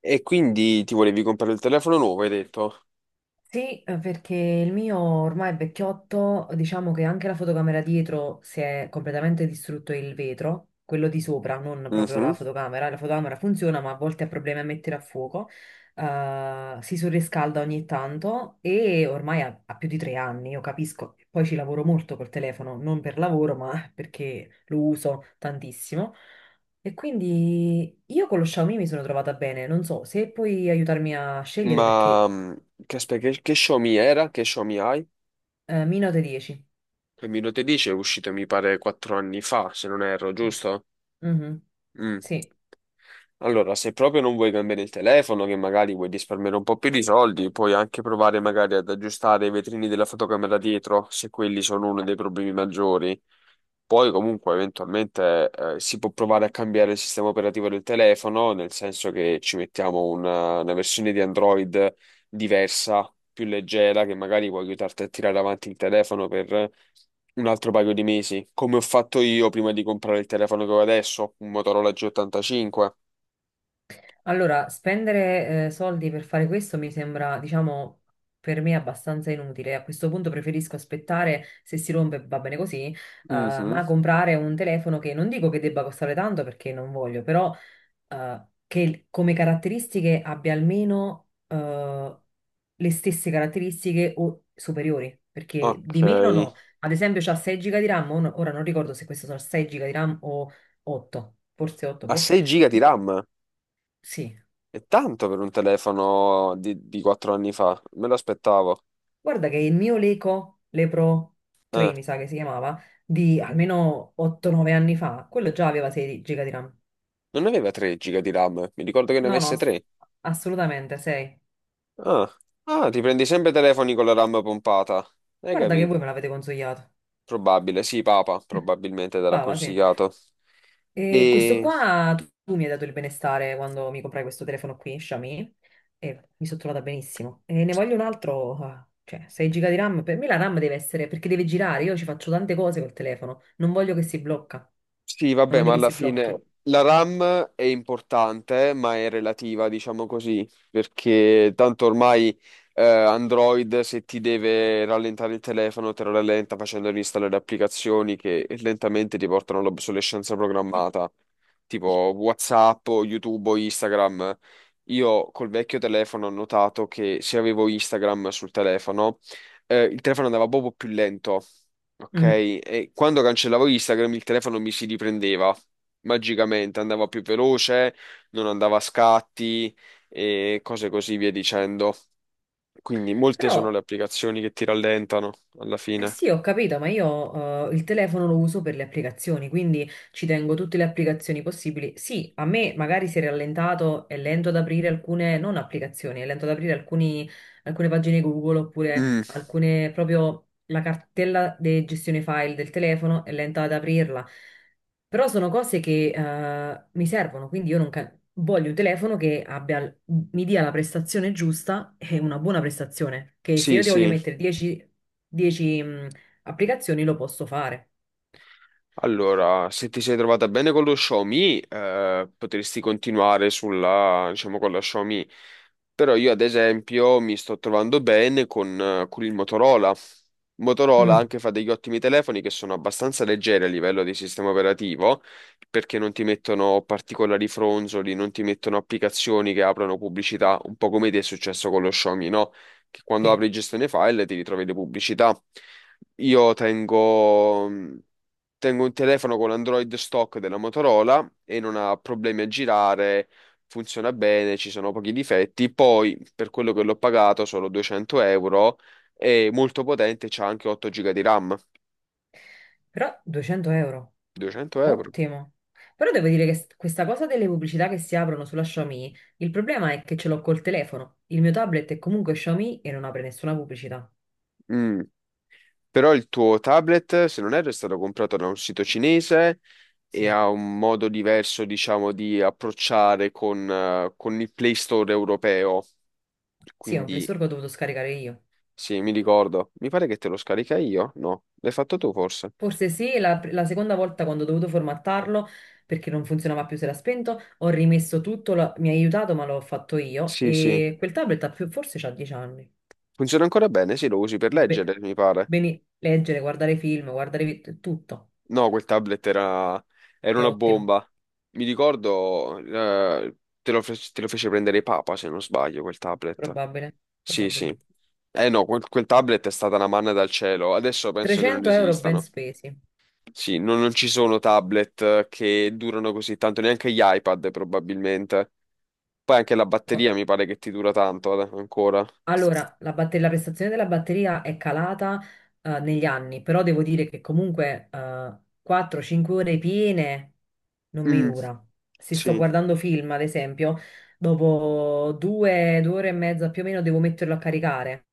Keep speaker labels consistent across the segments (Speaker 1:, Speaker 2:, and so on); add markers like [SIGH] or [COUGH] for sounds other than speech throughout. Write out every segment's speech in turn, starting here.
Speaker 1: E quindi ti volevi comprare il telefono nuovo, hai detto?
Speaker 2: Sì, perché il mio ormai è vecchiotto, diciamo che anche la fotocamera dietro si è completamente distrutto il vetro, quello di sopra, non proprio
Speaker 1: Mhm.
Speaker 2: la fotocamera. La fotocamera funziona, ma a volte ha problemi a mettere a fuoco. Si surriscalda ogni tanto e ormai ha più di 3 anni, io capisco. Poi ci lavoro molto col telefono, non per lavoro, [LAUGHS] ma perché lo uso tantissimo. E quindi io con lo Xiaomi mi sono trovata bene, non so se puoi aiutarmi a scegliere
Speaker 1: Ma
Speaker 2: perché...
Speaker 1: mm, aspetta, che Xiaomi era? Che Xiaomi hai?
Speaker 2: Minuto 10.
Speaker 1: Che mi lo te dice è uscito, mi pare, 4 anni fa, se non erro, giusto?
Speaker 2: Mhm.
Speaker 1: Mm.
Speaker 2: Sì,
Speaker 1: Allora, se proprio non vuoi cambiare il telefono, che magari vuoi risparmiare un po' più di soldi, puoi anche provare magari ad aggiustare i vetrini della fotocamera dietro, se quelli sono uno dei problemi maggiori. Poi comunque eventualmente si può provare a cambiare il sistema operativo del telefono, nel senso che ci mettiamo una versione di Android diversa, più leggera, che magari può aiutarti a tirare avanti il telefono per un altro paio di mesi, come ho fatto io prima di comprare il telefono che ho adesso, un Motorola G85.
Speaker 2: allora spendere soldi per fare questo mi sembra, diciamo, per me abbastanza inutile. A questo punto preferisco aspettare, se si rompe va bene così,
Speaker 1: Mhm.
Speaker 2: ma comprare un telefono che non dico che debba costare tanto perché non voglio, però che come caratteristiche abbia almeno le stesse caratteristiche o superiori, perché
Speaker 1: Ok.
Speaker 2: di meno no. Ad esempio, c'ha 6 giga di RAM, o ora non ricordo se questo sono 6 giga di RAM o 8, forse 8,
Speaker 1: A
Speaker 2: boh.
Speaker 1: 6 giga di
Speaker 2: No,
Speaker 1: RAM?
Speaker 2: sì.
Speaker 1: È tanto per un telefono di 4 anni fa. Me lo aspettavo.
Speaker 2: Guarda che il mio Leco, Lepro
Speaker 1: Eh,
Speaker 2: 3 mi sa che si chiamava, di almeno 8-9 anni fa, quello già aveva 6 giga di RAM.
Speaker 1: non aveva 3 giga di RAM. Mi ricordo che ne
Speaker 2: No, no,
Speaker 1: avesse 3.
Speaker 2: assolutamente 6.
Speaker 1: Ah. Ah, ti prendi sempre telefoni con la RAM pompata. Hai
Speaker 2: Guarda che
Speaker 1: capito?
Speaker 2: voi me l'avete consigliato.
Speaker 1: Probabile. Sì, Papa, probabilmente te l'ha
Speaker 2: Brava, sì.
Speaker 1: consigliato.
Speaker 2: E questo
Speaker 1: E...
Speaker 2: qua, tu mi hai dato il benestare quando mi comprai questo telefono qui, Xiaomi, e mi sono trovata benissimo. E ne voglio un altro, ah, cioè 6 giga di RAM, per me la RAM deve essere, perché deve girare, io ci faccio tante cose col telefono, non voglio che si blocca,
Speaker 1: Sì,
Speaker 2: non
Speaker 1: vabbè, ma
Speaker 2: voglio che
Speaker 1: alla
Speaker 2: si
Speaker 1: fine
Speaker 2: blocchi.
Speaker 1: la RAM è importante, ma è relativa, diciamo così, perché tanto ormai Android se ti deve rallentare il telefono te lo rallenta facendo installare applicazioni che lentamente ti portano all'obsolescenza programmata, tipo WhatsApp, o YouTube o Instagram. Io col vecchio telefono ho notato che se avevo Instagram sul telefono, il telefono andava proprio più lento. Ok,
Speaker 2: Mm.
Speaker 1: e quando cancellavo Instagram il telefono mi si riprendeva magicamente, andava più veloce, non andava a scatti e cose così via dicendo. Quindi molte
Speaker 2: Però...
Speaker 1: sono le applicazioni che ti rallentano alla
Speaker 2: Eh
Speaker 1: fine.
Speaker 2: sì, ho capito, ma io il telefono lo uso per le applicazioni, quindi ci tengo tutte le applicazioni possibili. Sì, a me magari si è rallentato, è lento ad aprire alcune, non applicazioni, è lento ad aprire alcune pagine Google oppure
Speaker 1: Mm,
Speaker 2: alcune proprio la cartella di gestione file del telefono è lenta ad aprirla. Però sono cose che mi servono, quindi io non ca- voglio un telefono che abbia, mi dia la prestazione giusta e una buona prestazione, che se
Speaker 1: sì,
Speaker 2: io ti voglio
Speaker 1: sì.
Speaker 2: mettere 10, 10, mh, applicazioni lo posso fare.
Speaker 1: Allora, se ti sei trovata bene con lo Xiaomi, potresti continuare sulla, diciamo, con la Xiaomi. Però io, ad esempio, mi sto trovando bene con il Motorola. Motorola
Speaker 2: Mm,
Speaker 1: anche fa degli ottimi telefoni che sono abbastanza leggeri a livello di sistema operativo, perché non ti mettono particolari fronzoli, non ti mettono applicazioni che aprono pubblicità, un po' come ti è successo con lo Xiaomi, no? Che quando
Speaker 2: sì.
Speaker 1: apri gestione file ti ritrovi le pubblicità. Io tengo. mm, Tengo un telefono con Android stock della Motorola e non ha problemi a girare, funziona bene, ci sono pochi difetti. Poi, per quello che l'ho pagato, solo 200 euro, è molto potente, c'ha anche 8 giga di RAM.
Speaker 2: Però 200 euro,
Speaker 1: 200 euro.
Speaker 2: ottimo. Però devo dire che questa cosa delle pubblicità che si aprono sulla Xiaomi, il problema è che ce l'ho col telefono. Il mio tablet è comunque Xiaomi e non apre nessuna pubblicità.
Speaker 1: Mm. Però il tuo tablet, se non erro, è stato comprato da un sito cinese e
Speaker 2: Sì,
Speaker 1: ha un modo diverso, diciamo, di approcciare con il Play Store europeo.
Speaker 2: sì, è un Play
Speaker 1: Quindi,
Speaker 2: Store che ho dovuto scaricare io.
Speaker 1: sì, mi ricordo. Mi pare che te lo scarica io? No, l'hai fatto tu forse?
Speaker 2: Forse sì, la seconda volta quando ho dovuto formattarlo perché non funzionava più, si era spento, ho rimesso tutto, mi ha aiutato ma l'ho fatto io
Speaker 1: Sì, sì,
Speaker 2: e quel tablet ha più, forse c'ha 10 anni.
Speaker 1: funziona ancora bene, sì, lo usi per
Speaker 2: Beh,
Speaker 1: leggere, mi pare.
Speaker 2: bene, leggere, guardare film, guardare tutto,
Speaker 1: No, quel tablet era
Speaker 2: è
Speaker 1: una
Speaker 2: ottimo.
Speaker 1: bomba. Mi ricordo, te lo fece prendere Papa, se non sbaglio, quel tablet.
Speaker 2: Probabile,
Speaker 1: Sì,
Speaker 2: probabile.
Speaker 1: sì. Eh no, quel tablet è stata una manna dal cielo, adesso penso che non
Speaker 2: 300 euro ben
Speaker 1: esistano.
Speaker 2: spesi.
Speaker 1: Sì, non ci sono tablet che durano così tanto, neanche gli iPad probabilmente. Poi anche la
Speaker 2: Oh,
Speaker 1: batteria mi pare che ti dura tanto ancora.
Speaker 2: allora, la prestazione della batteria è calata negli anni, però devo dire che comunque 4-5 ore piene non mi
Speaker 1: Mm,
Speaker 2: dura. Se sto
Speaker 1: sì,
Speaker 2: guardando film, ad esempio, dopo 2 ore e mezza più o meno devo metterlo a caricare.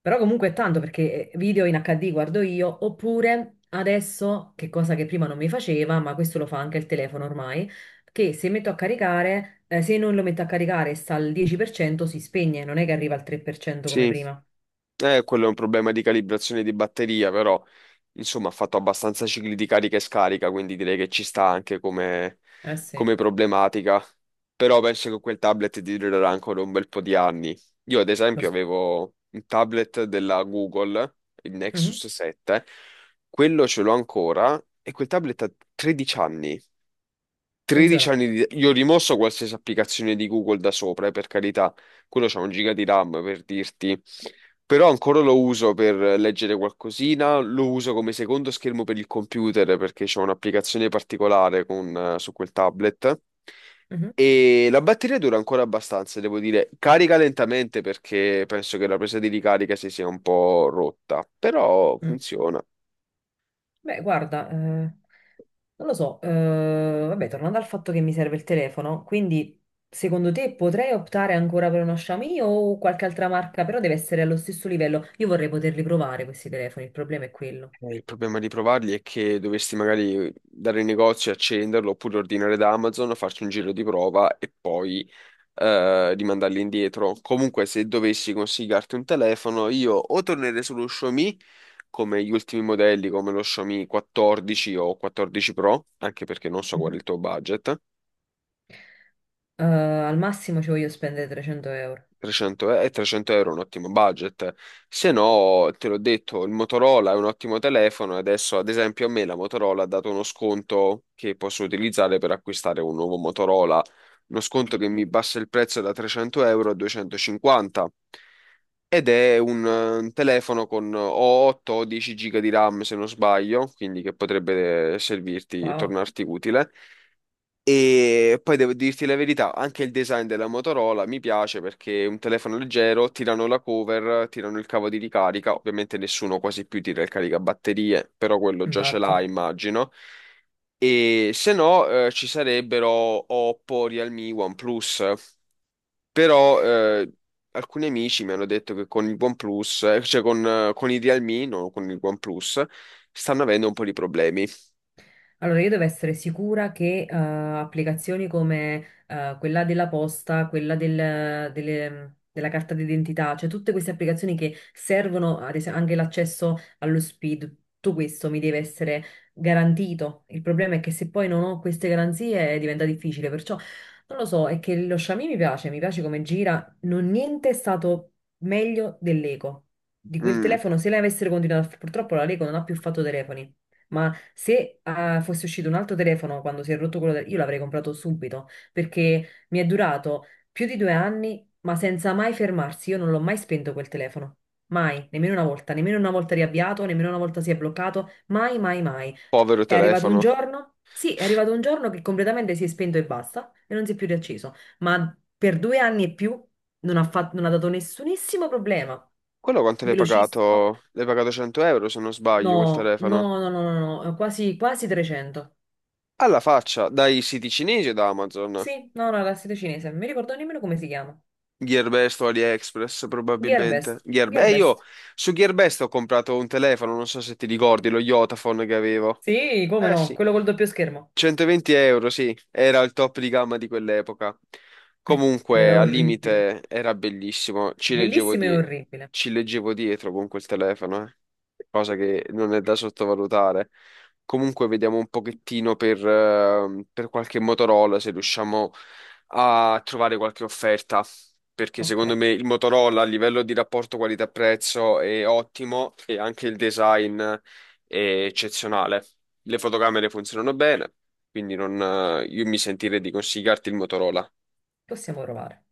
Speaker 2: Però comunque è tanto perché video in HD guardo io, oppure adesso, che cosa che prima non mi faceva, ma questo lo fa anche il telefono ormai, che se metto a caricare, se non lo metto a caricare e sta al 10% si spegne, non è che arriva al 3% come
Speaker 1: sì.
Speaker 2: prima.
Speaker 1: Quello è un problema di calibrazione di batteria, però insomma ha fatto abbastanza cicli di carica e scarica, quindi direi che ci sta anche come,
Speaker 2: Eh sì,
Speaker 1: come problematica. Però penso che quel tablet ti durerà ancora un bel po' di anni. Io ad
Speaker 2: lo
Speaker 1: esempio
Speaker 2: s-
Speaker 1: avevo un tablet della Google, il
Speaker 2: Mhm.
Speaker 1: Nexus 7, quello ce l'ho ancora e quel tablet ha 13 anni. 13
Speaker 2: Funziona.
Speaker 1: anni di... Io ho rimosso qualsiasi applicazione di Google da sopra, per carità. Quello c'ha 1 giga di RAM per dirti. Però ancora lo uso per leggere qualcosina, lo uso come secondo schermo per il computer perché c'è un'applicazione particolare con, su quel tablet.
Speaker 2: Mhm,
Speaker 1: E la batteria dura ancora abbastanza, devo dire. Carica lentamente perché penso che la presa di ricarica si sia un po' rotta, però
Speaker 2: mm.
Speaker 1: funziona.
Speaker 2: Beh, guarda, non lo so, vabbè, tornando al fatto che mi serve il telefono, quindi secondo te potrei optare ancora per uno Xiaomi o qualche altra marca, però deve essere allo stesso livello. Io vorrei poterli provare questi telefoni, il problema è quello.
Speaker 1: Il problema di provarli è che dovresti magari dare in negozio e accenderlo oppure ordinare da Amazon, farci un giro di prova e poi rimandarli indietro. Comunque, se dovessi consigliarti un telefono, io o tornerei sullo Xiaomi come gli ultimi modelli, come lo Xiaomi 14 o 14 Pro, anche perché non so qual è
Speaker 2: Mhm.
Speaker 1: il tuo budget,
Speaker 2: Al massimo ci voglio spendere 300 euro.
Speaker 1: 300, e 300 euro è un ottimo budget, se no, te l'ho detto, il Motorola è un ottimo telefono e adesso, ad esempio, a me la Motorola ha dato uno sconto che posso utilizzare per acquistare un nuovo Motorola, uno sconto che mi bassa il prezzo da 300 euro a 250 ed è un telefono con o 8 o 10 giga di RAM se non sbaglio, quindi che potrebbe servirti,
Speaker 2: Wow,
Speaker 1: tornarti utile. E poi devo dirti la verità, anche il design della Motorola mi piace perché è un telefono leggero, tirano la cover, tirano il cavo di ricarica, ovviamente nessuno quasi più tira il caricabatterie, però quello già ce l'ha,
Speaker 2: infatti.
Speaker 1: immagino. E se no, ci sarebbero Oppo, Realme, OnePlus, però alcuni amici mi hanno detto che con il OnePlus, cioè con con i Realme, non con il OnePlus, stanno avendo un po' di problemi.
Speaker 2: Allora, io devo essere sicura che applicazioni come quella della posta, quella della carta d'identità, cioè tutte queste applicazioni che servono, ad esempio, anche l'accesso allo SPID, tutto questo mi deve essere garantito. Il problema è che se poi non ho queste garanzie diventa difficile, perciò non lo so, è che lo Xiaomi mi piace come gira, non niente è stato meglio dell'Eco. Di quel
Speaker 1: Mm,
Speaker 2: telefono, se lei avesse continuato, purtroppo la Leco non ha più fatto telefoni. Ma se fosse uscito un altro telefono quando si è rotto quello del... Io l'avrei comprato subito perché mi è durato più di 2 anni, ma senza mai fermarsi. Io non l'ho mai spento quel telefono. Mai, nemmeno una volta riavviato, nemmeno una volta si è bloccato. Mai, mai, mai.
Speaker 1: povero
Speaker 2: È arrivato un
Speaker 1: telefono.
Speaker 2: giorno? Sì, è arrivato un giorno che completamente si è spento e basta e non si è più riacceso. Ma per 2 anni e più non ha dato nessunissimo problema.
Speaker 1: Quello quanto l'hai
Speaker 2: Velocissimo.
Speaker 1: pagato? L'hai pagato 100 euro se non
Speaker 2: No,
Speaker 1: sbaglio quel
Speaker 2: no,
Speaker 1: telefono.
Speaker 2: no, no, no, no, no, quasi, quasi 300.
Speaker 1: Alla faccia, dai siti cinesi o da Amazon?
Speaker 2: Sì, no, no, la seta cinese, non mi ricordo nemmeno come si chiama.
Speaker 1: Gearbest o AliExpress probabilmente.
Speaker 2: Gearbest,
Speaker 1: Io
Speaker 2: Gearbest.
Speaker 1: su Gearbest ho comprato un telefono, non so se ti ricordi, lo Yotaphone che avevo.
Speaker 2: Sì, come
Speaker 1: Eh
Speaker 2: no,
Speaker 1: sì,
Speaker 2: quello col doppio schermo.
Speaker 1: 120 euro, sì, era il top di gamma di quell'epoca.
Speaker 2: Ed
Speaker 1: Comunque,
Speaker 2: era
Speaker 1: al
Speaker 2: orribile.
Speaker 1: limite era bellissimo,
Speaker 2: Bellissimo e orribile.
Speaker 1: ci leggevo dietro con quel telefono. Eh, cosa che non è da sottovalutare. Comunque vediamo un pochettino per qualche Motorola se riusciamo a trovare qualche offerta, perché
Speaker 2: Ok,
Speaker 1: secondo me il Motorola a livello di rapporto qualità-prezzo è ottimo e anche il design è eccezionale. Le fotocamere funzionano bene, quindi non, io mi sentirei di consigliarti il Motorola.
Speaker 2: possiamo provare.